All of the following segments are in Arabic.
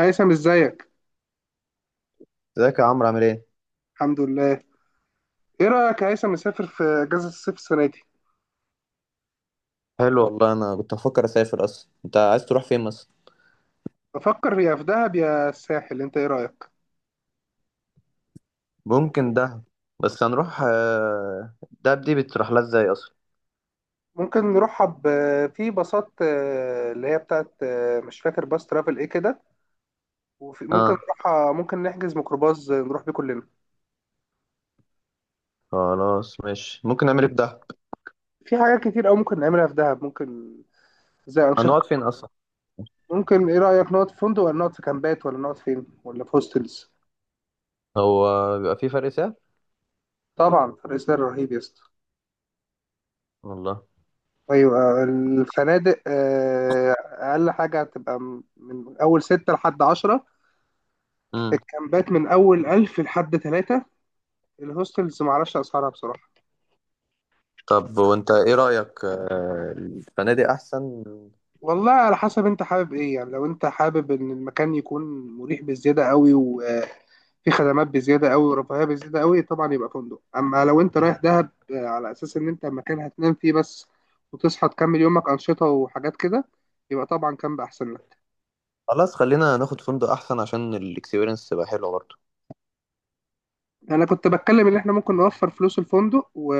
هيثم، ازيك؟ ازيك يا عمرو، عامل ايه؟ الحمد لله. ايه رايك يا هيثم نسافر في اجازه الصيف السنه دي؟ حلو والله، انا كنت بفكر اسافر اصلا. انت عايز تروح فين مثلا؟ بفكر يا في دهب يا الساحل، انت ايه رايك؟ ممكن دهب. بس هنروح، دهب دي بتروح لها ازاي اصلا؟ ممكن نروحها في باصات، اللي هي بتاعت، مش فاكر باص ترافل ايه كده. وفي ممكن اه، نروحها، ممكن نحجز ميكروباص، نروح بيه كلنا. خلاص ماشي. ممكن نعمل ايه في دهب؟ في حاجات كتير قوي ممكن نعملها في دهب، ممكن زي انشطه. هنقعد فين اصلا؟ ممكن، ايه رايك نقعد في فندق ولا نقعد في كامبات ولا نقعد فين، ولا في هوستلز؟ هو بيبقى في فرق سعر؟ طبعا فرق سعر رهيب يا اسطى. والله. ايوه الفنادق، اقل حاجه هتبقى من اول ستة لحد عشرة. امم. الكامبات من اول ألف لحد تلاتة. الهوستلز معرفش اسعارها بصراحه. طب وانت ايه رأيك، الفنادق احسن؟ والله على حسب انت حابب ايه، يعني لو انت حابب ان المكان يكون مريح بزياده قوي، وفي خدمات بزياده قوي ورفاهيه بزياده قوي، طبعا يبقى فندق. اما لو انت رايح دهب على اساس ان انت مكان هتنام فيه بس، وتصحى تكمل يومك انشطه وحاجات كده، يبقى طبعا كامب احسن لك. خلاص، خلينا ناخد فندق احسن عشان الاكسبيرينس تبقى حلوه برضه. يعني انا كنت بتكلم ان احنا ممكن نوفر فلوس الفندق، و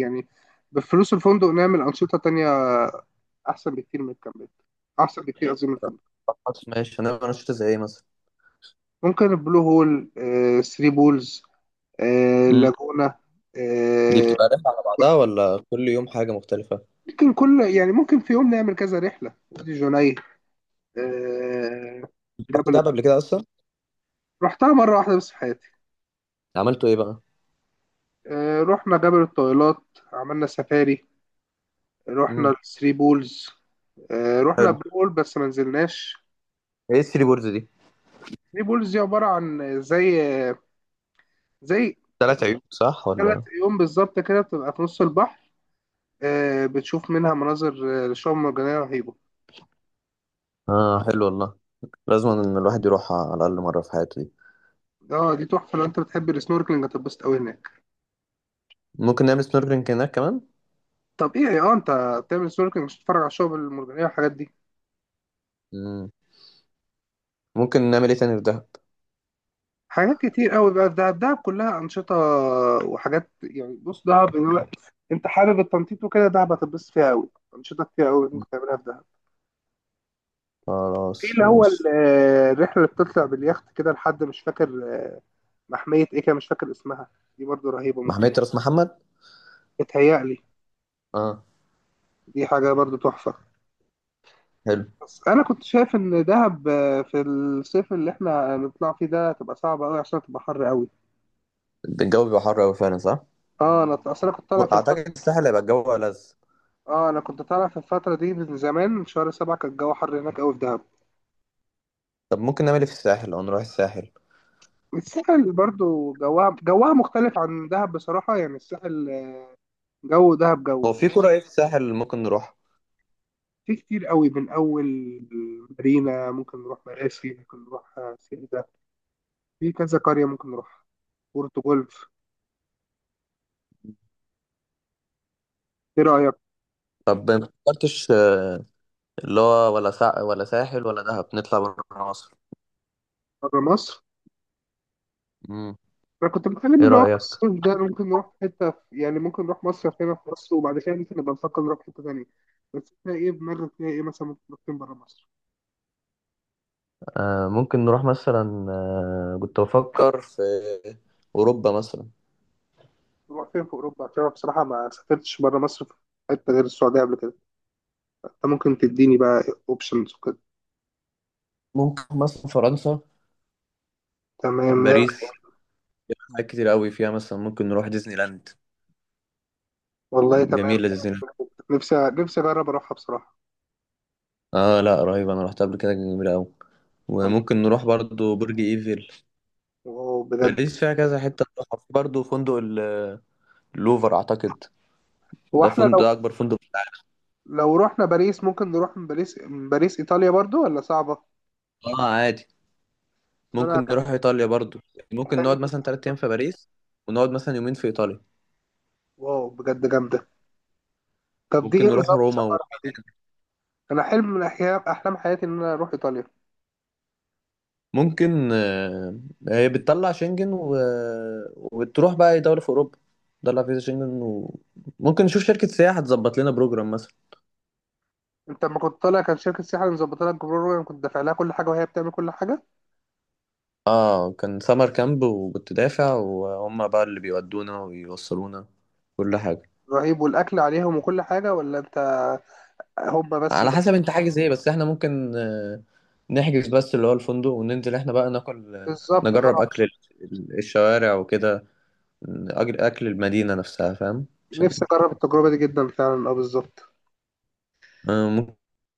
يعني بفلوس الفندق نعمل انشطه تانية، احسن بكتير من الكامبات، احسن بكتير قصدي من الفندق. خلاص ماشي. هنعمل انشطه زي ايه مثلا؟ ممكن البلو هول، ثري بولز، امم. لاجونا. دي آه، بتبقى رحله على بعضها، ولا كل يوم حاجه مختلفه؟ ممكن كل، يعني ممكن في يوم نعمل كذا رحله وادي جنيه. آه، رحت جبل. دهب قبل كده اصلا؟ رحتها مره واحده بس في حياتي. عملتوا ايه بقى؟ رحنا جبل الطويلات، عملنا سفاري، رحنا امم. الثري بولز، رحنا حلو. بلو هول بس ما نزلناش. ايه الثري بوردز دي؟ ثري بولز دي عبارة عن زي زي 3 عيون، صح ثلاث ولا؟ عيون بالظبط كده، بتبقى في نص البحر، بتشوف منها مناظر، شعاب مرجانية رهيبة. اه، حلو والله. لازم ان الواحد يروح على الاقل مره في حياته دي. اه دي تحفة، لو انت بتحب السنوركلينج هتتبسط قوي هناك. ممكن نعمل سنوركلينج هناك كمان. طب ايه، اه انت بتعمل سنوركلينج مش بتتفرج على الشعاب المرجانية والحاجات دي؟ امم. ممكن نعمل ايه تاني في دهب؟ حاجات كتير قوي بقى في دهب، دهب كلها أنشطة وحاجات. يعني بص دهب، انت حابب التنطيط وكده دهب هتتبسط فيها قوي. أنشطة كتير قوي ممكن تعملها في دهب. في خلاص اللي هو ماشي. الرحلة اللي بتطلع باليخت كده لحد مش فاكر، آه، محمية إيه كده مش فاكر اسمها، دي برضو رهيبة ممكن. محمية راس محمد. بتهيألي اه، دي حاجة برضو تحفة. حلو. بس أنا كنت شايف إن دهب في الصيف اللي إحنا نطلع فيه ده تبقى صعبة أوي، عشان تبقى حر أوي. الجو بيبقى حر قوي فعلا، صح. أه، أنا أصل أنا كنت طالع في اعتقد الفترة. الساحل هيبقى الجو ألذ. أه أنا كنت طالع في الفترة دي من زمان، من شهر سبعة كان الجو حر هناك أوي في دهب. طب ممكن نعمل ايه في الساحل، او نروح الساحل. الساحل برضو جوها مختلف عن دهب بصراحة، يعني الساحل، جو دهب هو جو. في كرة ايه في الساحل ممكن نروح؟ في كتير قوي، من أول مارينا، ممكن نروح مراسي، ممكن نروح سيدة، في كذا قرية ممكن نروح، بورتو جولف. ايه رأيك؟ طب ما فكرتش، اللي هو ولا ولا ساحل ولا دهب، نطلع بره مصر. بره مصر؟ امم. انا كنت بتكلم ايه اللي هو في رأيك، الصيف ده ممكن نروح حتة يعني ممكن نروح مصر هنا في مصر، وبعد كده ممكن نبقى نفكر نروح حتة تانية. بس انت ايه دماغك فيها، ايه مثلا ممكن نروح فين بره مصر؟ ممكن نروح مثلا، كنت بفكر في أوروبا مثلا. نروح فين في اوروبا؟ عشان انا بصراحة ما سافرتش بره مصر في حتة غير السعودية قبل كده. انت ممكن تديني بقى اوبشنز وكده. ممكن مثلا فرنسا. تمام تمام. باريس. حاجات كتير قوي فيها، مثلا ممكن نروح ديزني لاند. والله تمام. جميلة ديزني لاند. نفسي اجرب اروحها بصراحة. اه لا، رهيبة، انا رحت قبل كده، جميلة قوي. والله، وممكن نروح برضو برج ايفل. واو بجد. باريس فيها كذا حتة نروحها. في برضو فندق اللوفر اعتقد. هو ده احنا فندق، لو، ده اكبر فندق. لو رحنا باريس ممكن نروح من باريس، ايطاليا برضو ولا صعبة؟ اه عادي. أصل انا ممكن نروح ايطاليا برضو. ممكن حلم. نقعد مثلا 3 ايام في باريس، ونقعد مثلا يومين في ايطاليا. واو بجد جامدة. طب دي ايه ممكن نروح نظام روما. سفرها دي؟ أنا حلم من أحيان أحلام حياتي إن أنا أروح إيطاليا. ممكن هي بتطلع شنجن و... وبتروح بقى اي دوله في اوروبا. تطلع فيزا شنجن. وممكن نشوف شركه سياحه تظبط لنا بروجرام مثلا. أنت لما كنت طالع كان شركة سياحة اللي مظبطة لك جروب، وأنا كنت دافع لها كل حاجة وهي بتعمل كل حاجة؟ اه، كان سمر كامب، وكنت دافع، وهم بقى اللي بيودونا ويوصلونا كل حاجه. رهيب، والأكل عليهم وكل حاجة ولا أنت، هما بس على حسب انت حاجز ايه. بس احنا ممكن، نحجز بس اللي هو الفندق، وننزل احنا بقى ناكل، بالظبط أه نجرب اكل الشوارع وكده. اكل المدينه نفسها، فاهم؟ عشان، نفسي أجرب التجربة دي جدا فعلا، أه بالظبط. آه،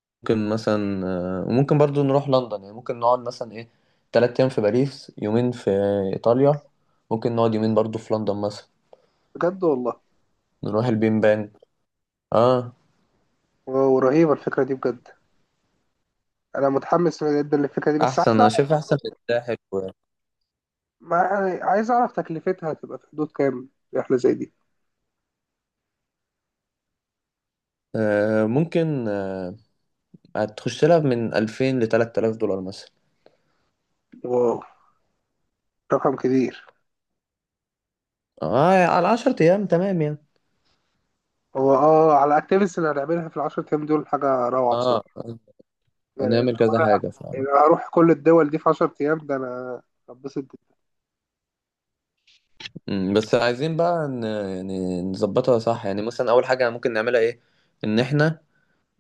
ممكن مثلا، وممكن برضو نروح لندن، يعني ممكن نقعد مثلا ايه، 3 أيام في باريس، يومين في إيطاليا، ممكن نقعد يومين برضو في لندن مثلا. بجد والله. نروح البين بان. اه. واو رهيبة الفكرة دي بجد. أنا متحمس جدا للفكرة دي بس أحسن عايز أنا أعرف شايف أحسن في برضه، الساحل و... عايز أعرف تكلفتها هتبقى في حدود كام رحلة زي دي؟ ممكن هتخش لها من 2000 لـ 3000 دولار مثلا. واو، رقم كبير. اه على 10 أيام تمام يعني. هو اه على الاكتيفيتيز اللي هنعملها في العشر ايام دول حاجه روعه اه، بصراحه. يعني انا، هنعمل كذا حاجة فعلا. يعني أنا هروح كل الدول دي في 10 ايام ده انا هتبسط جدا. بس عايزين بقى يعني نظبطها صح، يعني مثلا أول حاجة ممكن نعملها ايه، إن احنا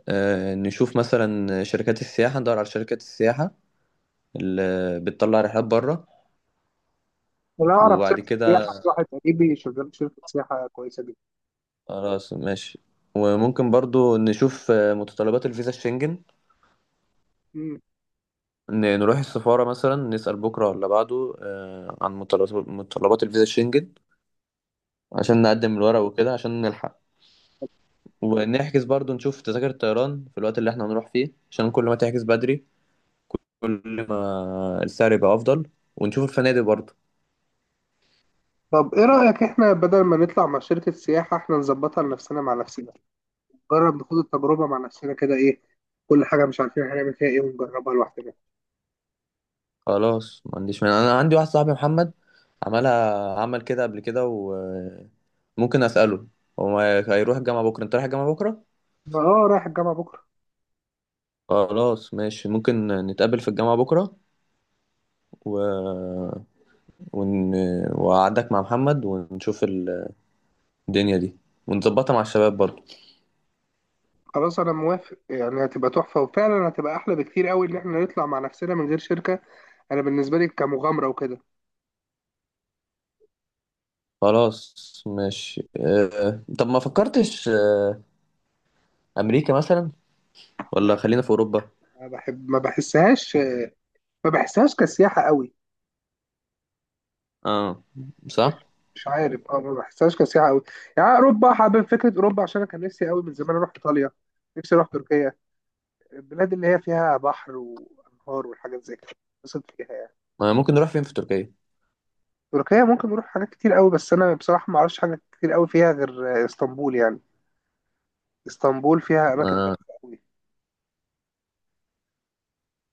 نشوف مثلا شركات السياحة، ندور على شركات السياحة اللي بتطلع رحلات بره. انا اعرف وبعد شركه كده سياحه، في واحد خلاص. قريبي شغال في شركه سياحه كويسه جدا. خلاص ماشي. وممكن برضو نشوف متطلبات الفيزا الشنجن. مم. نروح السفارة مثلا، نسأل بكرة ولا بعده، عن متطلبات الفيزا الشنجن، عشان نقدم الورق وكده عشان نلحق. ونحجز برضو، نشوف تذاكر الطيران في الوقت اللي احنا هنروح فيه، عشان كل ما تحجز بدري كل ما السعر يبقى أفضل. ونشوف الفنادق برضو. طب ايه رايك احنا بدل ما نطلع مع شركه سياحه احنا نظبطها لنفسنا مع نفسنا، نجرب نخوض التجربه مع نفسنا كده، ايه، كل حاجه مش عارفين هنعمل فيها ايه، ونجربها لوحدنا. خلاص، ما عنديش مانع. انا عندي واحد صاحبي محمد عملها، عمل كده قبل كده، وممكن اساله. هو هيروح الجامعه بكره؟ انت رايح الجامعه بكره؟ ما اه، رايح الجامعه بكره. خلاص ماشي. ممكن نتقابل في الجامعه بكره و... ون... وأقعدك مع محمد، ونشوف الدنيا دي، ونظبطها مع الشباب برضو. خلاص انا موافق، يعني هتبقى تحفه وفعلا هتبقى احلى بكتير قوي ان احنا نطلع مع نفسنا من غير شركه. انا بالنسبه لي كمغامره وكده. خلاص ماشي. طب ما فكرتش، امريكا مثلا، ولا لا، خلينا في اوروبا؟ ما بحب، ما بحسهاش، ما بحسهاش كسياحه قوي. اه، صح. مش عارف اه، ما بحسهاش كسياحه قوي. يعني اوروبا، حابب فكره اوروبا عشان انا كان نفسي قوي من زمان اروح ايطاليا. نفسي اروح تركيا. البلاد اللي هي فيها بحر وانهار والحاجات زي كده اتبسط فيها يعني. ما ممكن نروح فين في تركيا؟ تركيا ممكن نروح حاجات كتير قوي، بس انا بصراحه ما اعرفش حاجات كتير قوي فيها غير اسطنبول يعني. اسطنبول فيها اماكن آه. تحفه قوي.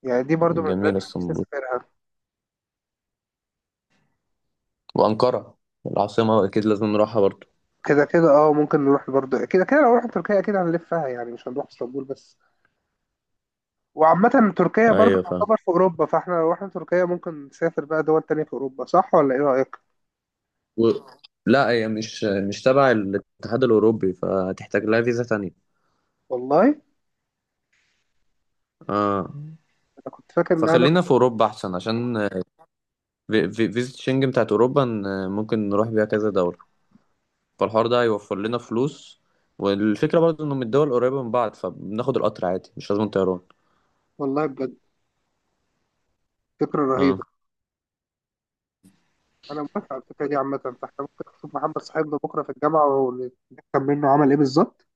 يعني دي برضو من البلاد جميل اللي نفسي اسطنبول اسافرها. وأنقرة، العاصمة، أكيد لازم نروحها برضه. كده كده اه ممكن نروح برضه كده كده، لو رحنا تركيا اكيد هنلفها يعني، مش هنروح اسطنبول بس. وعامة تركيا برضه أيوة فاهم تعتبر في اوروبا، فاحنا لو رحنا تركيا ممكن نسافر بقى دول تانية في اوروبا، صح ولا ايه رأيك؟ و... لا، هي مش تبع الاتحاد الأوروبي، فهتحتاج لها فيزا تانية. والله انا آه. كنت فاكر انها فخلينا نفس. في أوروبا أحسن، عشان فيزا شنجن بتاعت أوروبا، ممكن نروح بيها كذا دولة. فالحوار ده هيوفر لنا فلوس. والفكرة برضه إنه من الدول قريبة من بعض، فبناخد القطر عادي، مش لازم طيران. والله بجد، فكرة رهيبة. آه. انا موافق على الفكرة دي عامة، فاحنا ممكن نشوف محمد صاحبنا بكرة في الجامعة ونفهم منه عمل ايه بالظبط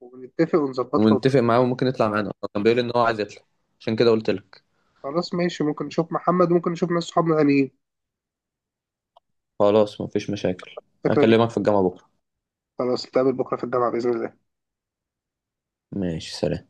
ونتفق ونظبطها. ونتفق معاه، وممكن يطلع معانا، هو كان بيقول إن هو عايز يطلع. عشان كده قلت لك. خلاص ماشي، ممكن نشوف محمد، ممكن نشوف ناس صحابنا تانيين خلاص، مفيش مشاكل. الفكرة دي. هكلمك في الجامعة بكرة. خلاص نتقابل بكرة في الجامعة بإذن الله. ماشي، سلام.